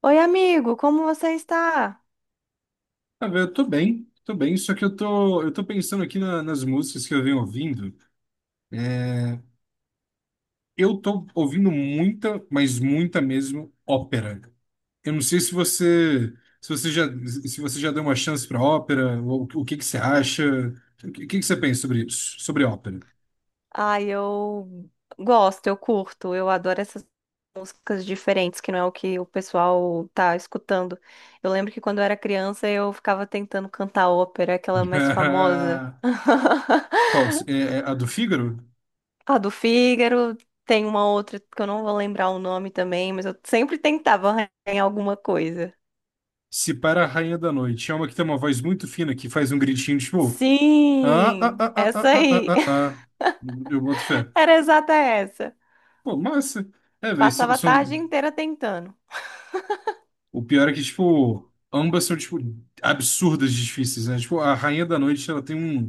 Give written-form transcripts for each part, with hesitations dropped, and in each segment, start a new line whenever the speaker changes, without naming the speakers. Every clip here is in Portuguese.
Oi, amigo, como você está?
Ah, velho, eu tô bem, só que eu tô pensando aqui nas músicas que eu venho ouvindo. É. Eu tô ouvindo muita, mas muita mesmo, ópera. Eu não sei se você já deu uma chance pra ópera, ou o que que você acha, o que que você pensa sobre isso, sobre ópera?
Ai, eu gosto, eu curto, eu adoro essas músicas diferentes, que não é o que o pessoal tá escutando. Eu lembro que quando eu era criança eu ficava tentando cantar ópera, aquela mais famosa.
Qual? É a do Fígaro?
A do Fígaro, tem uma outra que eu não vou lembrar o nome também, mas eu sempre tentava arranhar alguma coisa.
Se para a Rainha da Noite. É uma que tem uma voz muito fina que faz um gritinho tipo. Ah, ah,
Sim,
ah,
essa
ah, ah, ah,
aí.
ah, ah. ah." Eu boto fé.
Era exata essa.
Pô, massa. É, velho, são,
Passava a
são...
tarde inteira tentando.
O pior é que, tipo, ambas são, tipo, absurdas de difíceis, né? Tipo, a Rainha da Noite, ela tem um,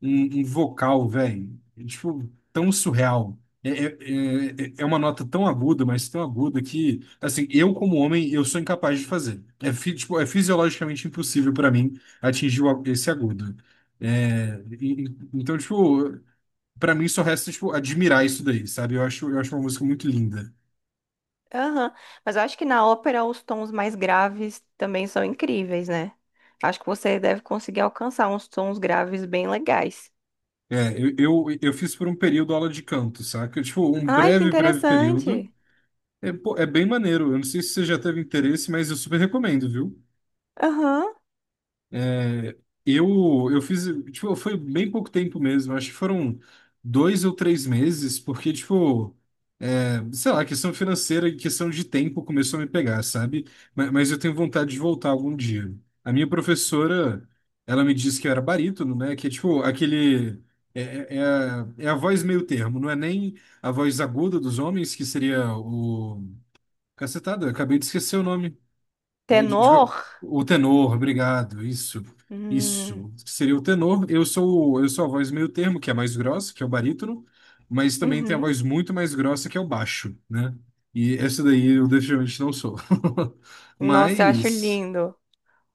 um, um vocal, velho, tipo, tão surreal. É uma nota tão aguda, mas tão aguda que, assim, eu como homem, eu sou incapaz de fazer. É, tipo, é fisiologicamente impossível pra mim atingir esse agudo. É, então, tipo, pra mim só resta, tipo, admirar isso daí, sabe? Eu acho uma música muito linda.
Aham. Mas eu acho que na ópera os tons mais graves também são incríveis, né? Acho que você deve conseguir alcançar uns tons graves bem legais.
É, eu fiz por um período aula de canto, saca? Tipo, um
Ai, que
breve, breve período.
interessante.
É, pô, é bem maneiro. Eu não sei se você já teve interesse, mas eu super recomendo, viu?
Aham.
É, eu fiz, tipo, foi bem pouco tempo mesmo. Acho que foram dois ou três meses, porque, tipo. Sei lá, questão financeira e questão de tempo começou a me pegar, sabe? Mas, eu tenho vontade de voltar algum dia. A minha professora, ela me disse que eu era barítono, né? Que é tipo aquele. É a voz meio termo, não é nem a voz aguda dos homens, que seria o. Cacetada, acabei de esquecer o nome. É,
Tenor?
o tenor, obrigado. Isso,
Hum.
isso. Seria o tenor. Eu sou a voz meio termo, que é a mais grossa, que é o barítono, mas também tem a
Uhum.
voz muito mais grossa, que é o baixo, né? E essa daí eu definitivamente não sou.
Nossa, eu acho
Mas
lindo.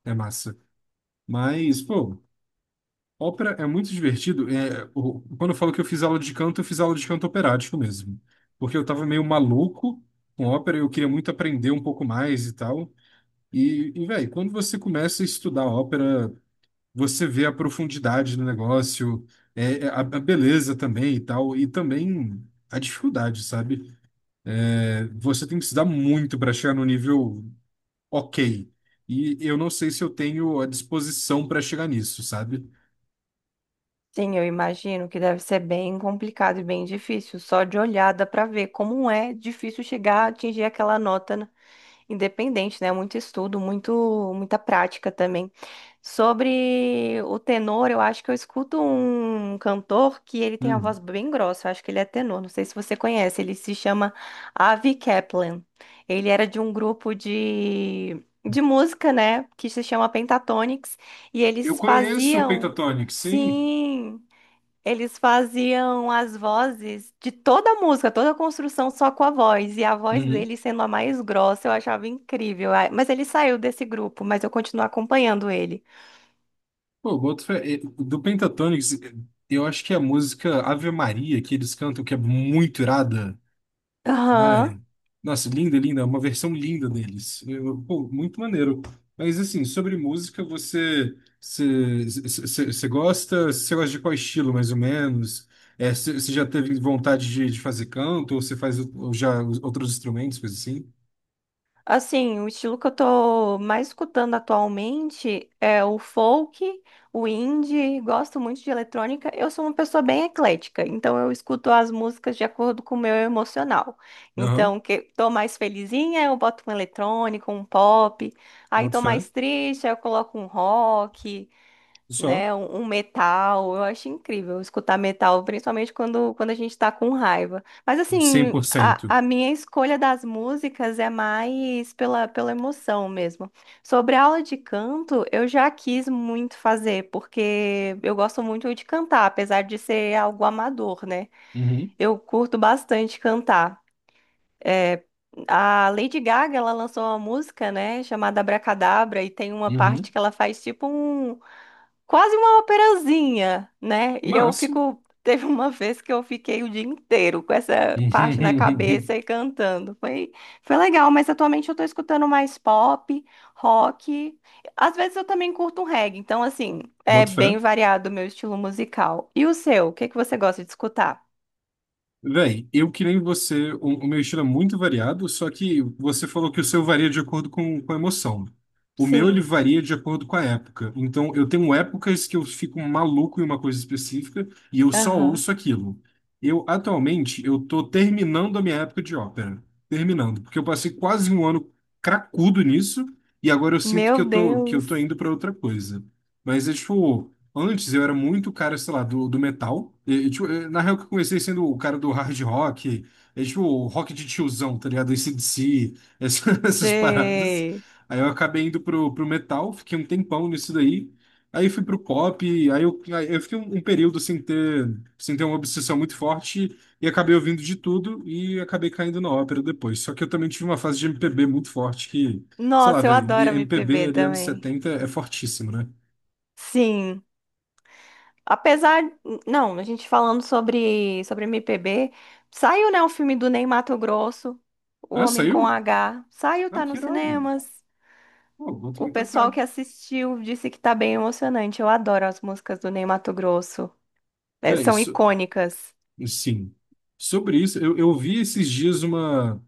é massa. Mas, pô, ópera é muito divertido. É, quando eu falo que eu fiz aula de canto, eu fiz aula de canto operático mesmo. Porque eu tava meio maluco com ópera, eu queria muito aprender um pouco mais e tal. E velho, quando você começa a estudar ópera, você vê a profundidade do negócio, a beleza também e tal, e também a dificuldade, sabe? É, você tem que estudar muito para chegar no nível ok. E eu não sei se eu tenho a disposição para chegar nisso, sabe?
Sim, eu imagino que deve ser bem complicado e bem difícil. Só de olhada para ver como é difícil chegar a atingir aquela nota independente, né? Muito estudo, muito, muita prática também. Sobre o tenor, eu acho que eu escuto um cantor que ele tem a
Hum.
voz bem grossa, eu acho que ele é tenor, não sei se você conhece, ele se chama Avi Kaplan. Ele era de um grupo de música, né, que se chama Pentatonix, e
Eu
eles
conheço o
faziam,
Pentatonix, sim.
sim, eles faziam as vozes de toda a música, toda a construção só com a voz. E a voz
Uhum.
dele sendo a mais grossa, eu achava incrível. Ah, mas ele saiu desse grupo, mas eu continuo acompanhando ele.
Pô, boto fé. Do Pentatonix, eu acho que é a música Ave Maria que eles cantam, que é muito irada.
Aham.
Ai, nossa, linda, linda, uma versão linda deles. Pô, muito maneiro. Mas assim, sobre música, você gosta, você gosta, de qual estilo, mais ou menos? É, você já teve vontade de fazer canto, ou você faz ou já os outros instrumentos, coisas assim?
Assim, o estilo que eu tô mais escutando atualmente é o folk, o indie, gosto muito de eletrônica. Eu sou uma pessoa bem eclética, então eu escuto as músicas de acordo com o meu emocional.
Aham,
Então, que tô mais felizinha, eu boto um eletrônico, um pop. Aí
boto
tô
fé.
mais triste, aí eu coloco um rock,
Só,
né? Um metal, eu acho incrível escutar metal, principalmente quando, quando a gente tá com raiva. Mas assim, a,
100%.
a minha escolha das músicas é mais pela, pela emoção mesmo. Sobre a aula de canto, eu já quis muito fazer, porque eu gosto muito de cantar, apesar de ser algo amador, né?
Uhum,
Eu curto bastante cantar. É, a Lady Gaga, ela lançou uma música, né, chamada Abracadabra, e tem uma
uhum.
parte que ela faz tipo um, quase uma operazinha, né? E eu
Massa.
fico. Teve uma vez que eu fiquei o dia inteiro com essa parte na cabeça e cantando. Foi, foi legal, mas atualmente eu tô escutando mais pop, rock. Às vezes eu também curto um reggae, então, assim, é
Boto fé.
bem variado o meu estilo musical. E o seu? O que que você gosta de escutar?
Véi, eu que nem você, o meu estilo é muito variado, só que você falou que o seu varia de acordo com a emoção. O meu, ele
Sim.
varia de acordo com a época. Então, eu tenho épocas que eu fico maluco em uma coisa específica e eu só
Aham.
ouço aquilo. Eu, atualmente, eu tô terminando a minha época de ópera. Terminando, porque eu passei quase um ano cracudo nisso e agora eu sinto que
Meu
que eu tô
Deus.
indo para outra coisa. Mas é tipo, antes eu era muito cara, sei lá, do metal. E, tipo, na real que eu comecei sendo o cara do hard rock, é tipo o rock de tiozão, tá ligado? AC/DC, essas paradas.
Sei.
Aí eu acabei indo pro metal, fiquei um tempão nisso daí. Aí fui pro pop, aí eu fiquei um período sem ter uma obsessão muito forte e acabei ouvindo de tudo e acabei caindo na ópera depois. Só que eu também tive uma fase de MPB muito forte que, sei lá,
Nossa, eu
velho,
adoro
MPB
MPB
ali anos
também.
70 é fortíssimo, né?
Sim. Apesar, não, a gente falando sobre MPB, saiu, né, o filme do Ney Matogrosso, O
Ah,
Homem com
saiu?
H, saiu,
Ah,
tá
que
nos
irado.
cinemas.
Pô, boto
O
muita
pessoal
fé.
que assistiu disse que tá bem emocionante. Eu adoro as músicas do Ney Matogrosso. É,
É
são
isso.
icônicas.
Sim. Sobre isso, eu vi esses dias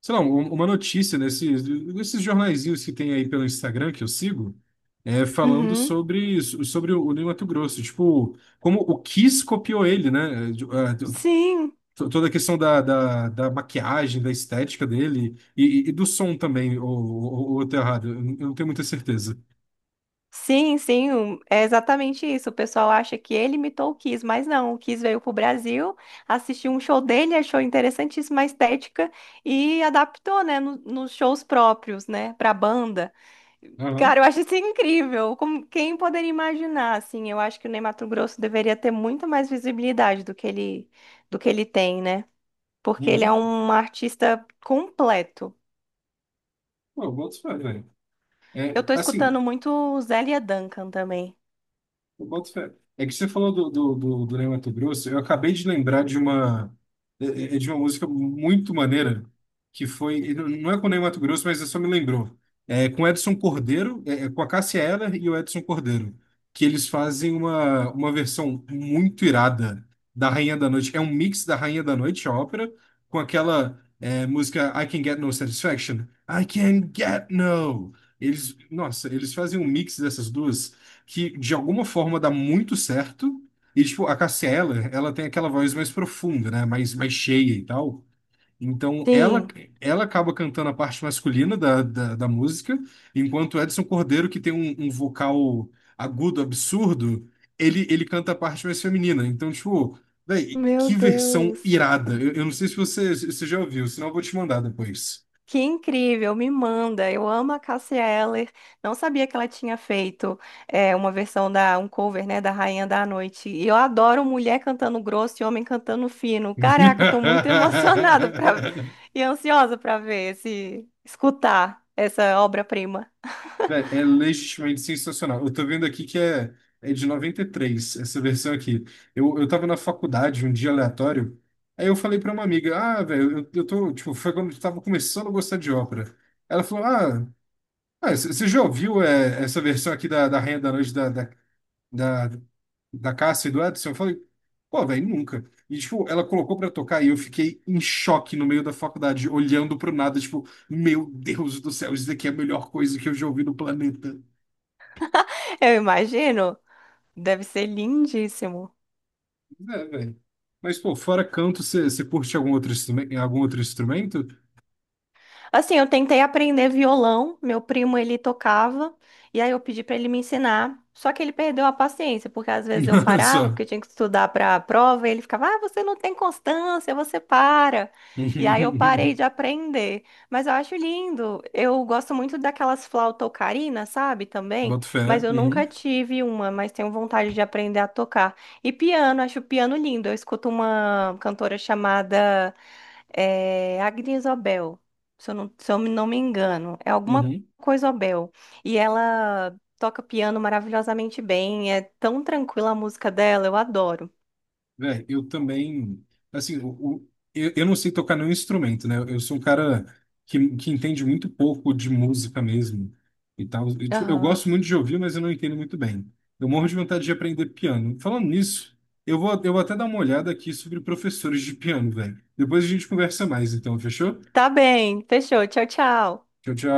sei lá, uma notícia nesses jornaizinhos que tem aí pelo Instagram que eu sigo, é, falando
Uhum.
sobre o Ney Mato Grosso. Tipo, como o Kiss copiou ele, né?
Sim.
Toda a questão da maquiagem, da estética dele e do som também, ou eu tô errado, eu não tenho muita certeza.
Sim, sim, um- é exatamente isso. O pessoal acha que ele imitou o Kiss, mas não. O Kiss veio pro Brasil, assistiu um show dele, achou interessantíssima a estética e adaptou, né, no- nos shows próprios, né, pra banda.
Aham.
Cara, eu acho isso incrível. Como, quem poderia imaginar, assim? Eu acho que o Ney Matogrosso deveria ter muito mais visibilidade do que ele tem, né? Porque ele é
Uhum.
um artista completo.
Pô, eu boto fé, velho.
Eu
É,
tô escutando
assim.
muito Zélia Duncan também.
Eu boto fé. É que você falou do Ney Matogrosso, eu acabei de lembrar de uma, é de uma música muito maneira, que foi, e não é com o Ney Matogrosso, mas só me lembrou. É com o Edson Cordeiro, é com a Cássia Eller e o Edson Cordeiro, que eles fazem uma versão muito irada da Rainha da Noite. É um mix da Rainha da Noite, a ópera, com aquela música I Can Get No Satisfaction. I Can Get No. Eles, nossa, eles fazem um mix dessas duas que de alguma forma dá muito certo. E, tipo, a Cássia Eller, ela tem aquela voz mais profunda, né? Mais cheia e tal. Então, ela,
Sim,
ela acaba cantando a parte masculina da música, enquanto o Edson Cordeiro, que tem um vocal agudo, absurdo, ele canta a parte mais feminina. Então, tipo, véi, que
meu
versão
Deus.
irada. Eu não sei se você já ouviu, senão eu vou te mandar depois.
Que incrível, me manda. Eu amo a Cássia Eller. Não sabia que ela tinha feito é, uma versão da um cover, né, da Rainha da Noite. E eu adoro mulher cantando grosso e homem cantando fino. Caraca, tô muito emocionada pra... e ansiosa para ver esse escutar essa obra-prima.
Vé, é legitimamente sensacional. Eu tô vendo aqui que é de 93 essa versão aqui. Eu tava na faculdade um dia aleatório, aí eu falei pra uma amiga, ah, velho, eu tô, tipo, foi quando eu tava começando a gostar de ópera. Ela falou, ah, você já ouviu essa versão aqui da Rainha da Noite da, da Cássia e do Edson? Eu falei, pô, velho, nunca. E, tipo, ela colocou pra tocar e eu fiquei em choque no meio da faculdade, olhando pro nada, tipo, meu Deus do céu, isso daqui é a melhor coisa que eu já ouvi no planeta.
Eu imagino, deve ser lindíssimo.
É, velho. Mas, pô, fora canto, você curte algum outro instrumento? Algum outro instrumento?
Assim, eu tentei aprender violão, meu primo ele tocava, e aí eu pedi pra ele me ensinar. Só que ele perdeu a paciência, porque às vezes eu parava, porque eu
Só.
tinha que estudar para a prova, e ele ficava: "Ah, você não tem constância, você para". E aí eu parei de aprender. Mas eu acho lindo. Eu gosto muito daquelas flauta ocarina, sabe, também,
Boto
mas
fé.
eu
Uhum,
nunca tive uma, mas tenho vontade de aprender a tocar. E piano, acho o piano lindo. Eu escuto uma cantora chamada Agnes Obel, se eu não, se eu não me engano. É alguma
uhum.
coisa Abel. E ela toca piano maravilhosamente bem. É tão tranquila a música dela, eu adoro.
Velho, eu também. Assim, o- eu não sei tocar nenhum instrumento, né? Eu sou um cara que entende muito pouco de música mesmo e tal. Eu, tipo, eu
Aham.
gosto muito de ouvir, mas eu não entendo muito bem. Eu morro de vontade de aprender piano. Falando nisso, eu vou até dar uma olhada aqui sobre professores de piano, velho. Depois a gente conversa mais, então, fechou?
Tá bem, fechou. Tchau, tchau.
Tchau, tchau.